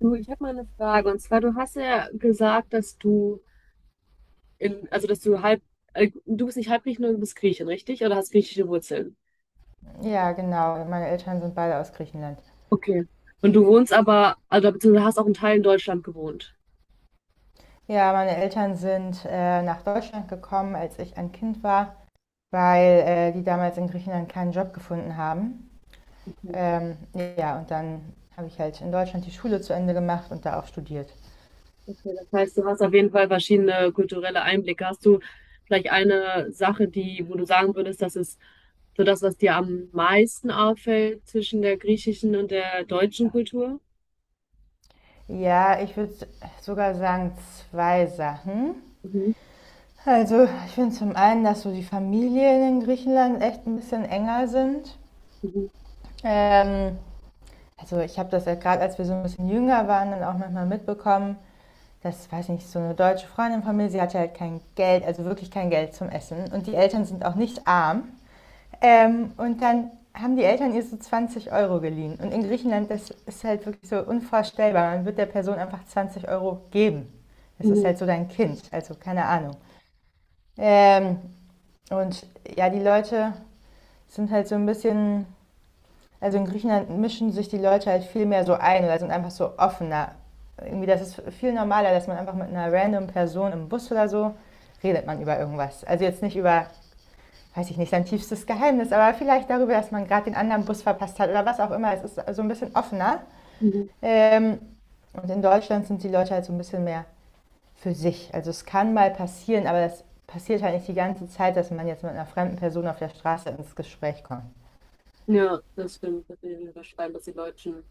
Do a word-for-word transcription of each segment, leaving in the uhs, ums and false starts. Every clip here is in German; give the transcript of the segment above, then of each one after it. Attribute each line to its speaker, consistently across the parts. Speaker 1: Du, ich habe mal eine Frage. Und zwar, du hast ja gesagt, dass du in, also dass du halb, äh, du bist nicht halb halbgriechen, du bist Griechin, richtig? Oder hast griechische Wurzeln?
Speaker 2: Ja, genau. Meine Eltern sind beide aus Griechenland.
Speaker 1: Okay. Und du wohnst aber, also beziehungsweise hast auch einen Teil in Deutschland gewohnt.
Speaker 2: Ja, meine Eltern sind äh, nach Deutschland gekommen, als ich ein Kind war, weil äh, die damals in Griechenland keinen Job gefunden haben.
Speaker 1: Okay.
Speaker 2: Ähm, ja, und dann habe ich halt in Deutschland die Schule zu Ende gemacht und da auch studiert.
Speaker 1: Okay, das heißt, du hast auf jeden Fall verschiedene kulturelle Einblicke. Hast du vielleicht eine Sache, die, wo du sagen würdest, das ist so das, was dir am meisten auffällt zwischen der griechischen und der deutschen Kultur?
Speaker 2: Ja, ich würde sogar sagen zwei Sachen.
Speaker 1: Mhm.
Speaker 2: Also ich finde zum einen, dass so die Familien in Griechenland echt ein bisschen enger sind.
Speaker 1: Mhm.
Speaker 2: Ähm, also ich habe das ja gerade, als wir so ein bisschen jünger waren, dann auch manchmal mitbekommen. Das, weiß ich nicht, so eine deutsche Freundin von mir, sie hatte halt kein Geld, also wirklich kein Geld zum Essen. Und die Eltern sind auch nicht arm. Ähm, und dann haben die Eltern ihr so zwanzig Euro geliehen. Und in Griechenland, das ist halt wirklich so unvorstellbar. Man wird der Person einfach zwanzig Euro geben. Das ist
Speaker 1: Mhm.
Speaker 2: halt so dein Kind, also keine Ahnung. Ähm, und ja, die Leute sind halt so ein bisschen. Also in Griechenland mischen sich die Leute halt viel mehr so ein, oder sind einfach so offener. Irgendwie, das ist viel normaler, dass man einfach mit einer random Person im Bus oder so redet man über irgendwas. Also jetzt nicht über, weiß ich nicht, sein tiefstes Geheimnis, aber vielleicht darüber, dass man gerade den anderen Bus verpasst hat oder was auch immer. Es ist so ein bisschen offener.
Speaker 1: Mhm.
Speaker 2: Ähm, und in Deutschland sind die Leute halt so ein bisschen mehr für sich. Also es kann mal passieren, aber das passiert halt nicht die ganze Zeit, dass man jetzt mit einer fremden Person auf der Straße ins Gespräch kommt.
Speaker 1: Ja, das stimmt. Das will ich unterschreiben, dass die Deutschen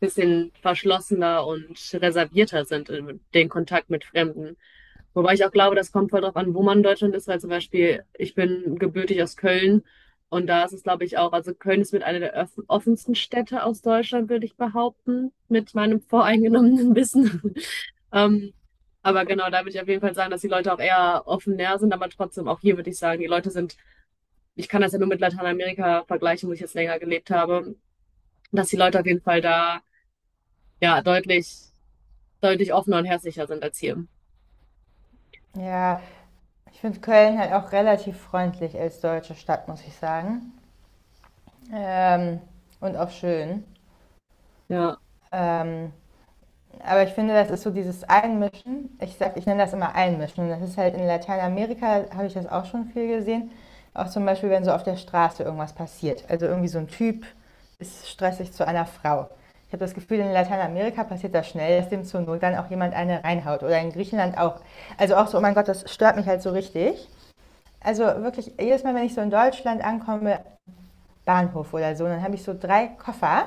Speaker 1: bisschen verschlossener und reservierter sind in den Kontakt mit Fremden. Wobei ich auch glaube, das kommt voll drauf an, wo man in Deutschland ist, weil zum Beispiel ich bin gebürtig aus Köln und da ist es, glaube ich, auch, also Köln ist mit einer der öff- offensten Städte aus Deutschland, würde ich behaupten, mit meinem voreingenommenen Wissen. Ähm, aber genau, da würde ich auf jeden Fall sagen, dass die Leute auch eher offener sind, aber trotzdem, auch hier würde ich sagen, die Leute sind, ich kann das ja nur mit Lateinamerika vergleichen, wo ich jetzt länger gelebt habe, dass die Leute auf jeden Fall da ja, deutlich, deutlich offener und herzlicher sind als hier.
Speaker 2: Ja, Ich finde Köln halt auch relativ freundlich als deutsche Stadt, muss ich sagen. Ähm, und auch schön.
Speaker 1: Ja.
Speaker 2: Ähm, aber ich finde, das ist so dieses Einmischen. Ich sag, ich nenne das immer Einmischen. Das ist halt in Lateinamerika, habe ich das auch schon viel gesehen. Auch zum Beispiel, wenn so auf der Straße irgendwas passiert. Also irgendwie so ein Typ ist stressig zu einer Frau. Ich habe das Gefühl, in Lateinamerika passiert das schnell, dass dem zur Not dann auch jemand eine reinhaut. Oder in Griechenland auch. Also auch so, oh mein Gott, das stört mich halt so richtig. Also wirklich, jedes Mal, wenn ich so in Deutschland ankomme, Bahnhof oder so, dann habe ich so drei Koffer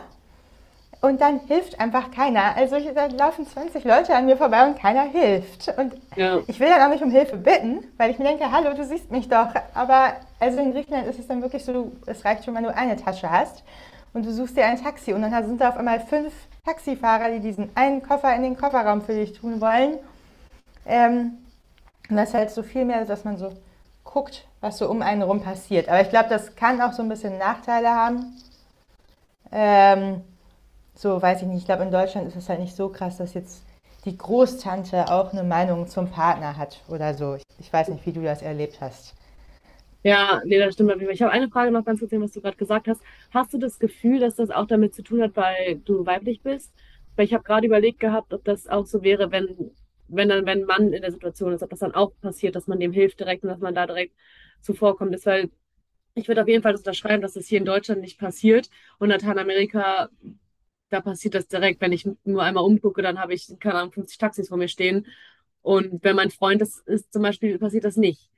Speaker 2: und dann hilft einfach keiner. Also ich, da laufen zwanzig Leute an mir vorbei und keiner hilft. Und
Speaker 1: Ja.
Speaker 2: ich will dann auch nicht um Hilfe bitten, weil ich mir denke, hallo, du siehst mich doch. Aber also in Griechenland ist es dann wirklich so, es reicht schon, wenn du eine Tasche hast und du suchst dir ein Taxi und dann sind da auf einmal fünf Taxifahrer, die diesen einen Koffer in den Kofferraum für dich tun wollen. Ähm, und das ist halt so viel mehr, dass man so guckt, was so um einen rum passiert. Aber ich glaube, das kann auch so ein bisschen Nachteile haben. Ähm, so weiß ich nicht. Ich glaube, in Deutschland ist es halt nicht so krass, dass jetzt die Großtante auch eine Meinung zum Partner hat oder so. Ich, ich weiß nicht, wie du das erlebt hast.
Speaker 1: Ja, nee, das stimmt, auf jeden Fall. Ich habe eine Frage noch ganz kurz, was du gerade gesagt hast. Hast du das Gefühl, dass das auch damit zu tun hat, weil du weiblich bist? Weil ich habe gerade überlegt gehabt, ob das auch so wäre, wenn, wenn dann, wenn ein Mann in der Situation ist, ob das dann auch passiert, dass man dem hilft direkt und dass man da direkt zuvorkommt ist, weil ich würde auf jeden Fall das unterschreiben, dass das hier in Deutschland nicht passiert und Lateinamerika da passiert das direkt. Wenn ich nur einmal umgucke, dann habe ich, keine Ahnung, fünfzig Taxis vor mir stehen. Und wenn mein Freund das ist, zum Beispiel, passiert das nicht.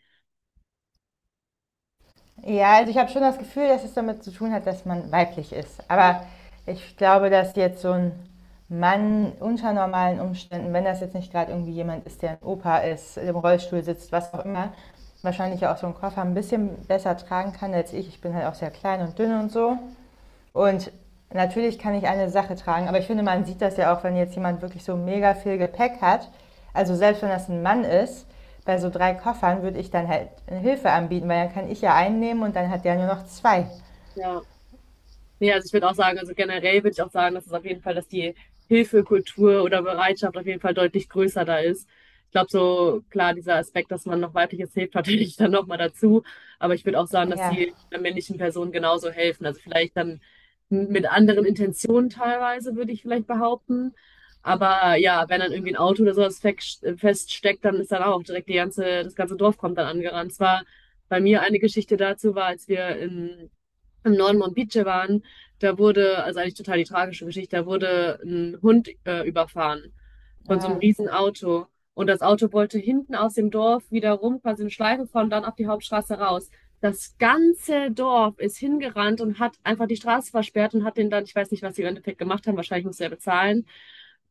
Speaker 2: Ja, also ich habe schon das Gefühl, dass es damit zu tun hat, dass man weiblich ist. Aber ich glaube, dass jetzt so ein Mann unter normalen Umständen, wenn das jetzt nicht gerade irgendwie jemand ist, der ein Opa ist, im Rollstuhl sitzt, was auch immer, wahrscheinlich auch so einen Koffer ein bisschen besser tragen kann als ich. Ich bin halt auch sehr klein und dünn und so. Und natürlich kann ich eine Sache tragen, aber ich finde, man sieht das ja auch, wenn jetzt jemand wirklich so mega viel Gepäck hat. Also selbst wenn das ein Mann ist, bei so drei Koffern würde ich dann halt eine Hilfe anbieten, weil dann kann ich ja einen nehmen und dann hat der nur noch zwei.
Speaker 1: Ja. Nee, also ich würde auch sagen, also generell würde ich auch sagen, dass es auf jeden Fall, dass die Hilfekultur oder Bereitschaft auf jeden Fall deutlich größer da ist. Ich glaube, so klar, dieser Aspekt, dass man noch weibliches hilft, natürlich dann nochmal dazu. Aber ich würde auch sagen, dass
Speaker 2: Ja,
Speaker 1: die männlichen Personen genauso helfen. Also vielleicht dann mit anderen Intentionen teilweise, würde ich vielleicht behaupten. Aber ja, wenn dann irgendwie ein Auto oder sowas fest- feststeckt, dann ist dann auch direkt die ganze, das ganze Dorf kommt dann angerannt. Zwar bei mir eine Geschichte dazu war, als wir in im Norden Mombiche waren, da wurde, also eigentlich total die tragische Geschichte, da wurde ein Hund äh, überfahren von so einem
Speaker 2: ah,
Speaker 1: riesen Auto. Und das Auto wollte hinten aus dem Dorf wieder rum, quasi eine Schleife fahren und dann auf die Hauptstraße raus. Das ganze Dorf ist hingerannt und hat einfach die Straße versperrt und hat den dann, ich weiß nicht, was sie im Endeffekt gemacht haben, wahrscheinlich musste er bezahlen,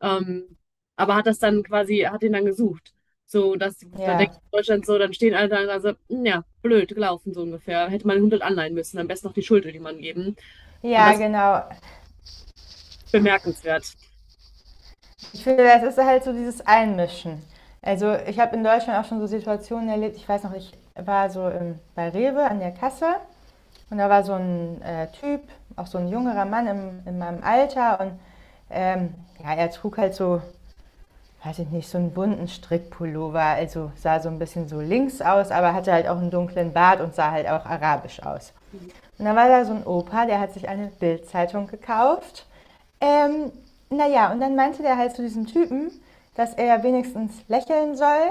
Speaker 1: ähm, aber hat das dann quasi, hat ihn dann gesucht. So, das, da denke ich
Speaker 2: ja,
Speaker 1: in Deutschland so, dann stehen alle da und sagen so, "Hm, ja, blöd gelaufen", so ungefähr. Hätte man den Hund halt anleihen müssen, am besten noch die Schuld jemandem geben. Und
Speaker 2: ja,
Speaker 1: das ist
Speaker 2: genau.
Speaker 1: bemerkenswert.
Speaker 2: Ich finde, das ist halt so dieses Einmischen. Also ich habe in Deutschland auch schon so Situationen erlebt. Ich weiß noch, ich war so im, bei Rewe an der Kasse. Und da war so ein äh, Typ, auch so ein jüngerer Mann im, in meinem Alter und ähm, ja, er trug halt so, weiß ich nicht, so einen bunten Strickpullover, also sah so ein bisschen so links aus, aber hatte halt auch einen dunklen Bart und sah halt auch arabisch aus. Und da war da so ein Opa, der hat sich eine Bildzeitung gekauft. Ähm, naja, und dann meinte der halt zu diesem Typen, dass er wenigstens lächeln soll,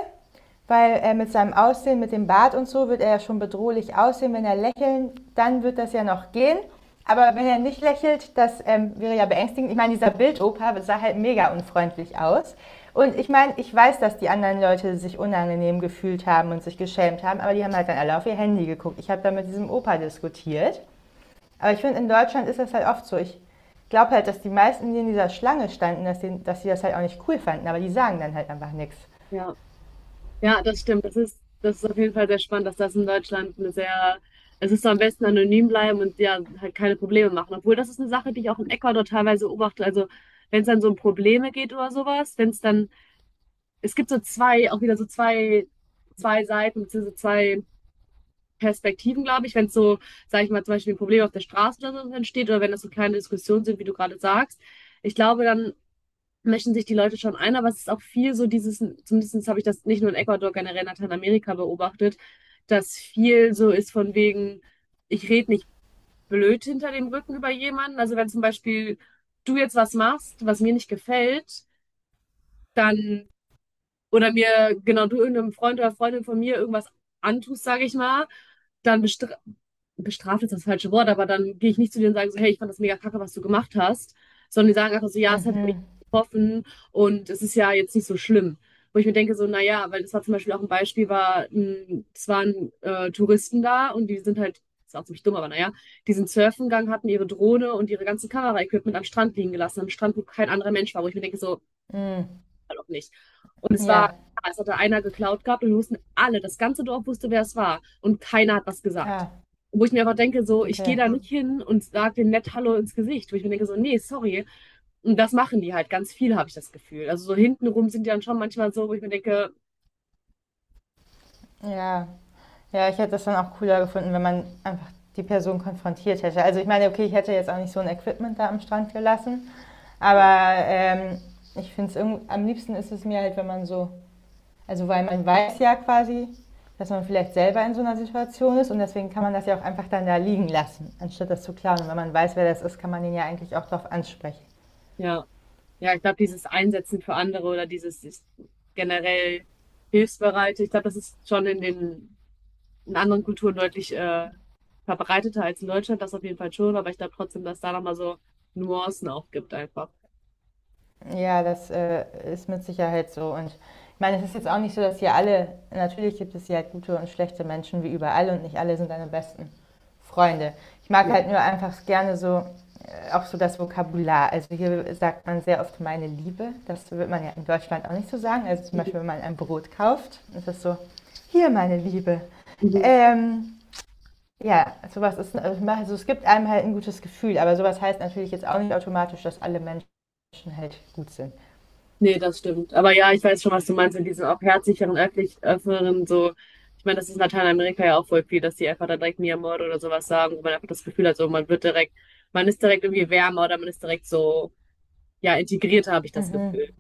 Speaker 2: weil äh, mit seinem Aussehen, mit dem Bart und so, wird er ja schon bedrohlich aussehen. Wenn er lächelt, dann wird das ja noch gehen. Aber wenn er nicht lächelt, das ähm, wäre ja beängstigend. Ich meine, dieser Bildopa sah halt mega unfreundlich aus. Und ich meine, ich weiß, dass die anderen Leute sich unangenehm gefühlt haben und sich geschämt haben, aber die haben halt dann alle auf ihr Handy geguckt. Ich habe dann mit diesem Opa diskutiert. Aber ich finde, in Deutschland ist das halt oft so. Ich glaube halt, dass die meisten, die in dieser Schlange standen, dass, die, dass sie das halt auch nicht cool fanden, aber die sagen dann halt einfach nichts.
Speaker 1: Ja. Ja, das stimmt. Das ist, das ist auf jeden Fall sehr spannend, dass das in Deutschland eine sehr, es ist so am besten anonym bleiben und ja, halt keine Probleme machen. Obwohl, das ist eine Sache, die ich auch in Ecuador teilweise beobachte. Also, wenn es dann so um Probleme geht oder sowas, wenn es dann, es gibt so zwei, auch wieder so zwei, zwei Seiten, beziehungsweise zwei Perspektiven, glaube ich, wenn es so, sage ich mal, zum Beispiel ein Problem auf der Straße oder so entsteht oder wenn das so kleine Diskussionen sind, wie du gerade sagst. Ich glaube, dann mischen sich die Leute schon ein, aber es ist auch viel so dieses, zumindest habe ich das nicht nur in Ecuador, generell in Lateinamerika beobachtet, dass viel so ist von wegen, ich rede nicht blöd hinter dem Rücken über jemanden. Also wenn zum Beispiel du jetzt was machst, was mir nicht gefällt, dann oder mir, genau, du irgendeinem Freund oder Freundin von mir irgendwas antust, sage ich mal, dann bestra bestraft ist das falsche Wort, aber dann gehe ich nicht zu dir und sage so, hey, ich fand das mega kacke, was du gemacht hast, sondern die sagen einfach so, ja, es hat mich
Speaker 2: Mhm.
Speaker 1: getroffen und es ist ja jetzt nicht so schlimm. Wo ich mir denke, so, naja, weil das war zum Beispiel auch ein Beispiel, war, ein- es waren äh, Touristen da und die sind halt, ist auch ziemlich dumm, aber naja, die sind surfen gegangen, hatten ihre Drohne und ihre ganzen Kamera-Equipment am Strand liegen gelassen, am Strand, wo kein anderer Mensch war, wo ich mir denke, so,
Speaker 2: Mhm.
Speaker 1: Fall auch nicht. Und es war,
Speaker 2: Ja,
Speaker 1: ja, es hatte einer geklaut gehabt und wir wussten alle, das ganze Dorf wusste, wer es war. Und keiner hat was gesagt.
Speaker 2: ah,
Speaker 1: Wo ich mir einfach denke, so, ich gehe
Speaker 2: okay.
Speaker 1: da nicht hin und sage denen nett Hallo ins Gesicht. Wo ich mir denke, so, nee, sorry. Und das machen die halt ganz viel, habe ich das Gefühl. Also so hintenrum sind die dann schon manchmal so, wo ich mir denke,
Speaker 2: Ja. Ja, ich hätte das dann auch cooler gefunden, wenn man einfach die Person konfrontiert hätte. Also ich meine, okay, ich hätte jetzt auch nicht so ein Equipment da am Strand gelassen,
Speaker 1: Ja.
Speaker 2: aber ähm, ich finde es irgend- am liebsten ist es mir halt, wenn man so, also weil man weiß ja quasi, dass man vielleicht selber in so einer Situation ist und deswegen kann man das ja auch einfach dann da liegen lassen, anstatt das zu klauen. Und wenn man weiß, wer das ist, kann man den ja eigentlich auch darauf ansprechen.
Speaker 1: Ja, ja, ich glaube, dieses Einsetzen für andere oder dieses, dieses generell hilfsbereite, ich glaube, das ist schon in den in anderen Kulturen deutlich äh, verbreiteter als in Deutschland, das auf jeden Fall schon, aber ich glaube trotzdem, dass da nochmal so Nuancen auch gibt einfach.
Speaker 2: Ja, das äh, ist mit Sicherheit so. Und ich meine, es ist jetzt auch nicht so, dass hier alle, natürlich gibt es hier halt gute und schlechte Menschen wie überall und nicht alle sind deine besten Freunde. Ich mag
Speaker 1: Ja.
Speaker 2: halt nur einfach gerne so, äh, auch so das Vokabular. Also hier sagt man sehr oft meine Liebe. Das wird man ja in Deutschland auch nicht so sagen. Also zum
Speaker 1: Mhm.
Speaker 2: Beispiel, wenn man ein Brot kauft, ist das so, hier meine Liebe.
Speaker 1: Mhm.
Speaker 2: Ähm, ja, sowas ist, also es gibt einem halt ein gutes Gefühl, aber sowas heißt natürlich jetzt auch nicht automatisch, dass alle Menschen halt gut sind.
Speaker 1: Nee, das stimmt. Aber ja, ich weiß schon, was du meinst mit diesen auch herzlicheren, öffentlich, öffneren, so. Ich meine, das ist in Lateinamerika ja auch voll viel, dass die einfach dann direkt Mi Amor oder sowas sagen, wo man einfach das Gefühl hat, so man wird direkt, man ist direkt irgendwie wärmer oder man ist direkt so, ja, integrierter, habe ich das
Speaker 2: Mhm.
Speaker 1: Gefühl.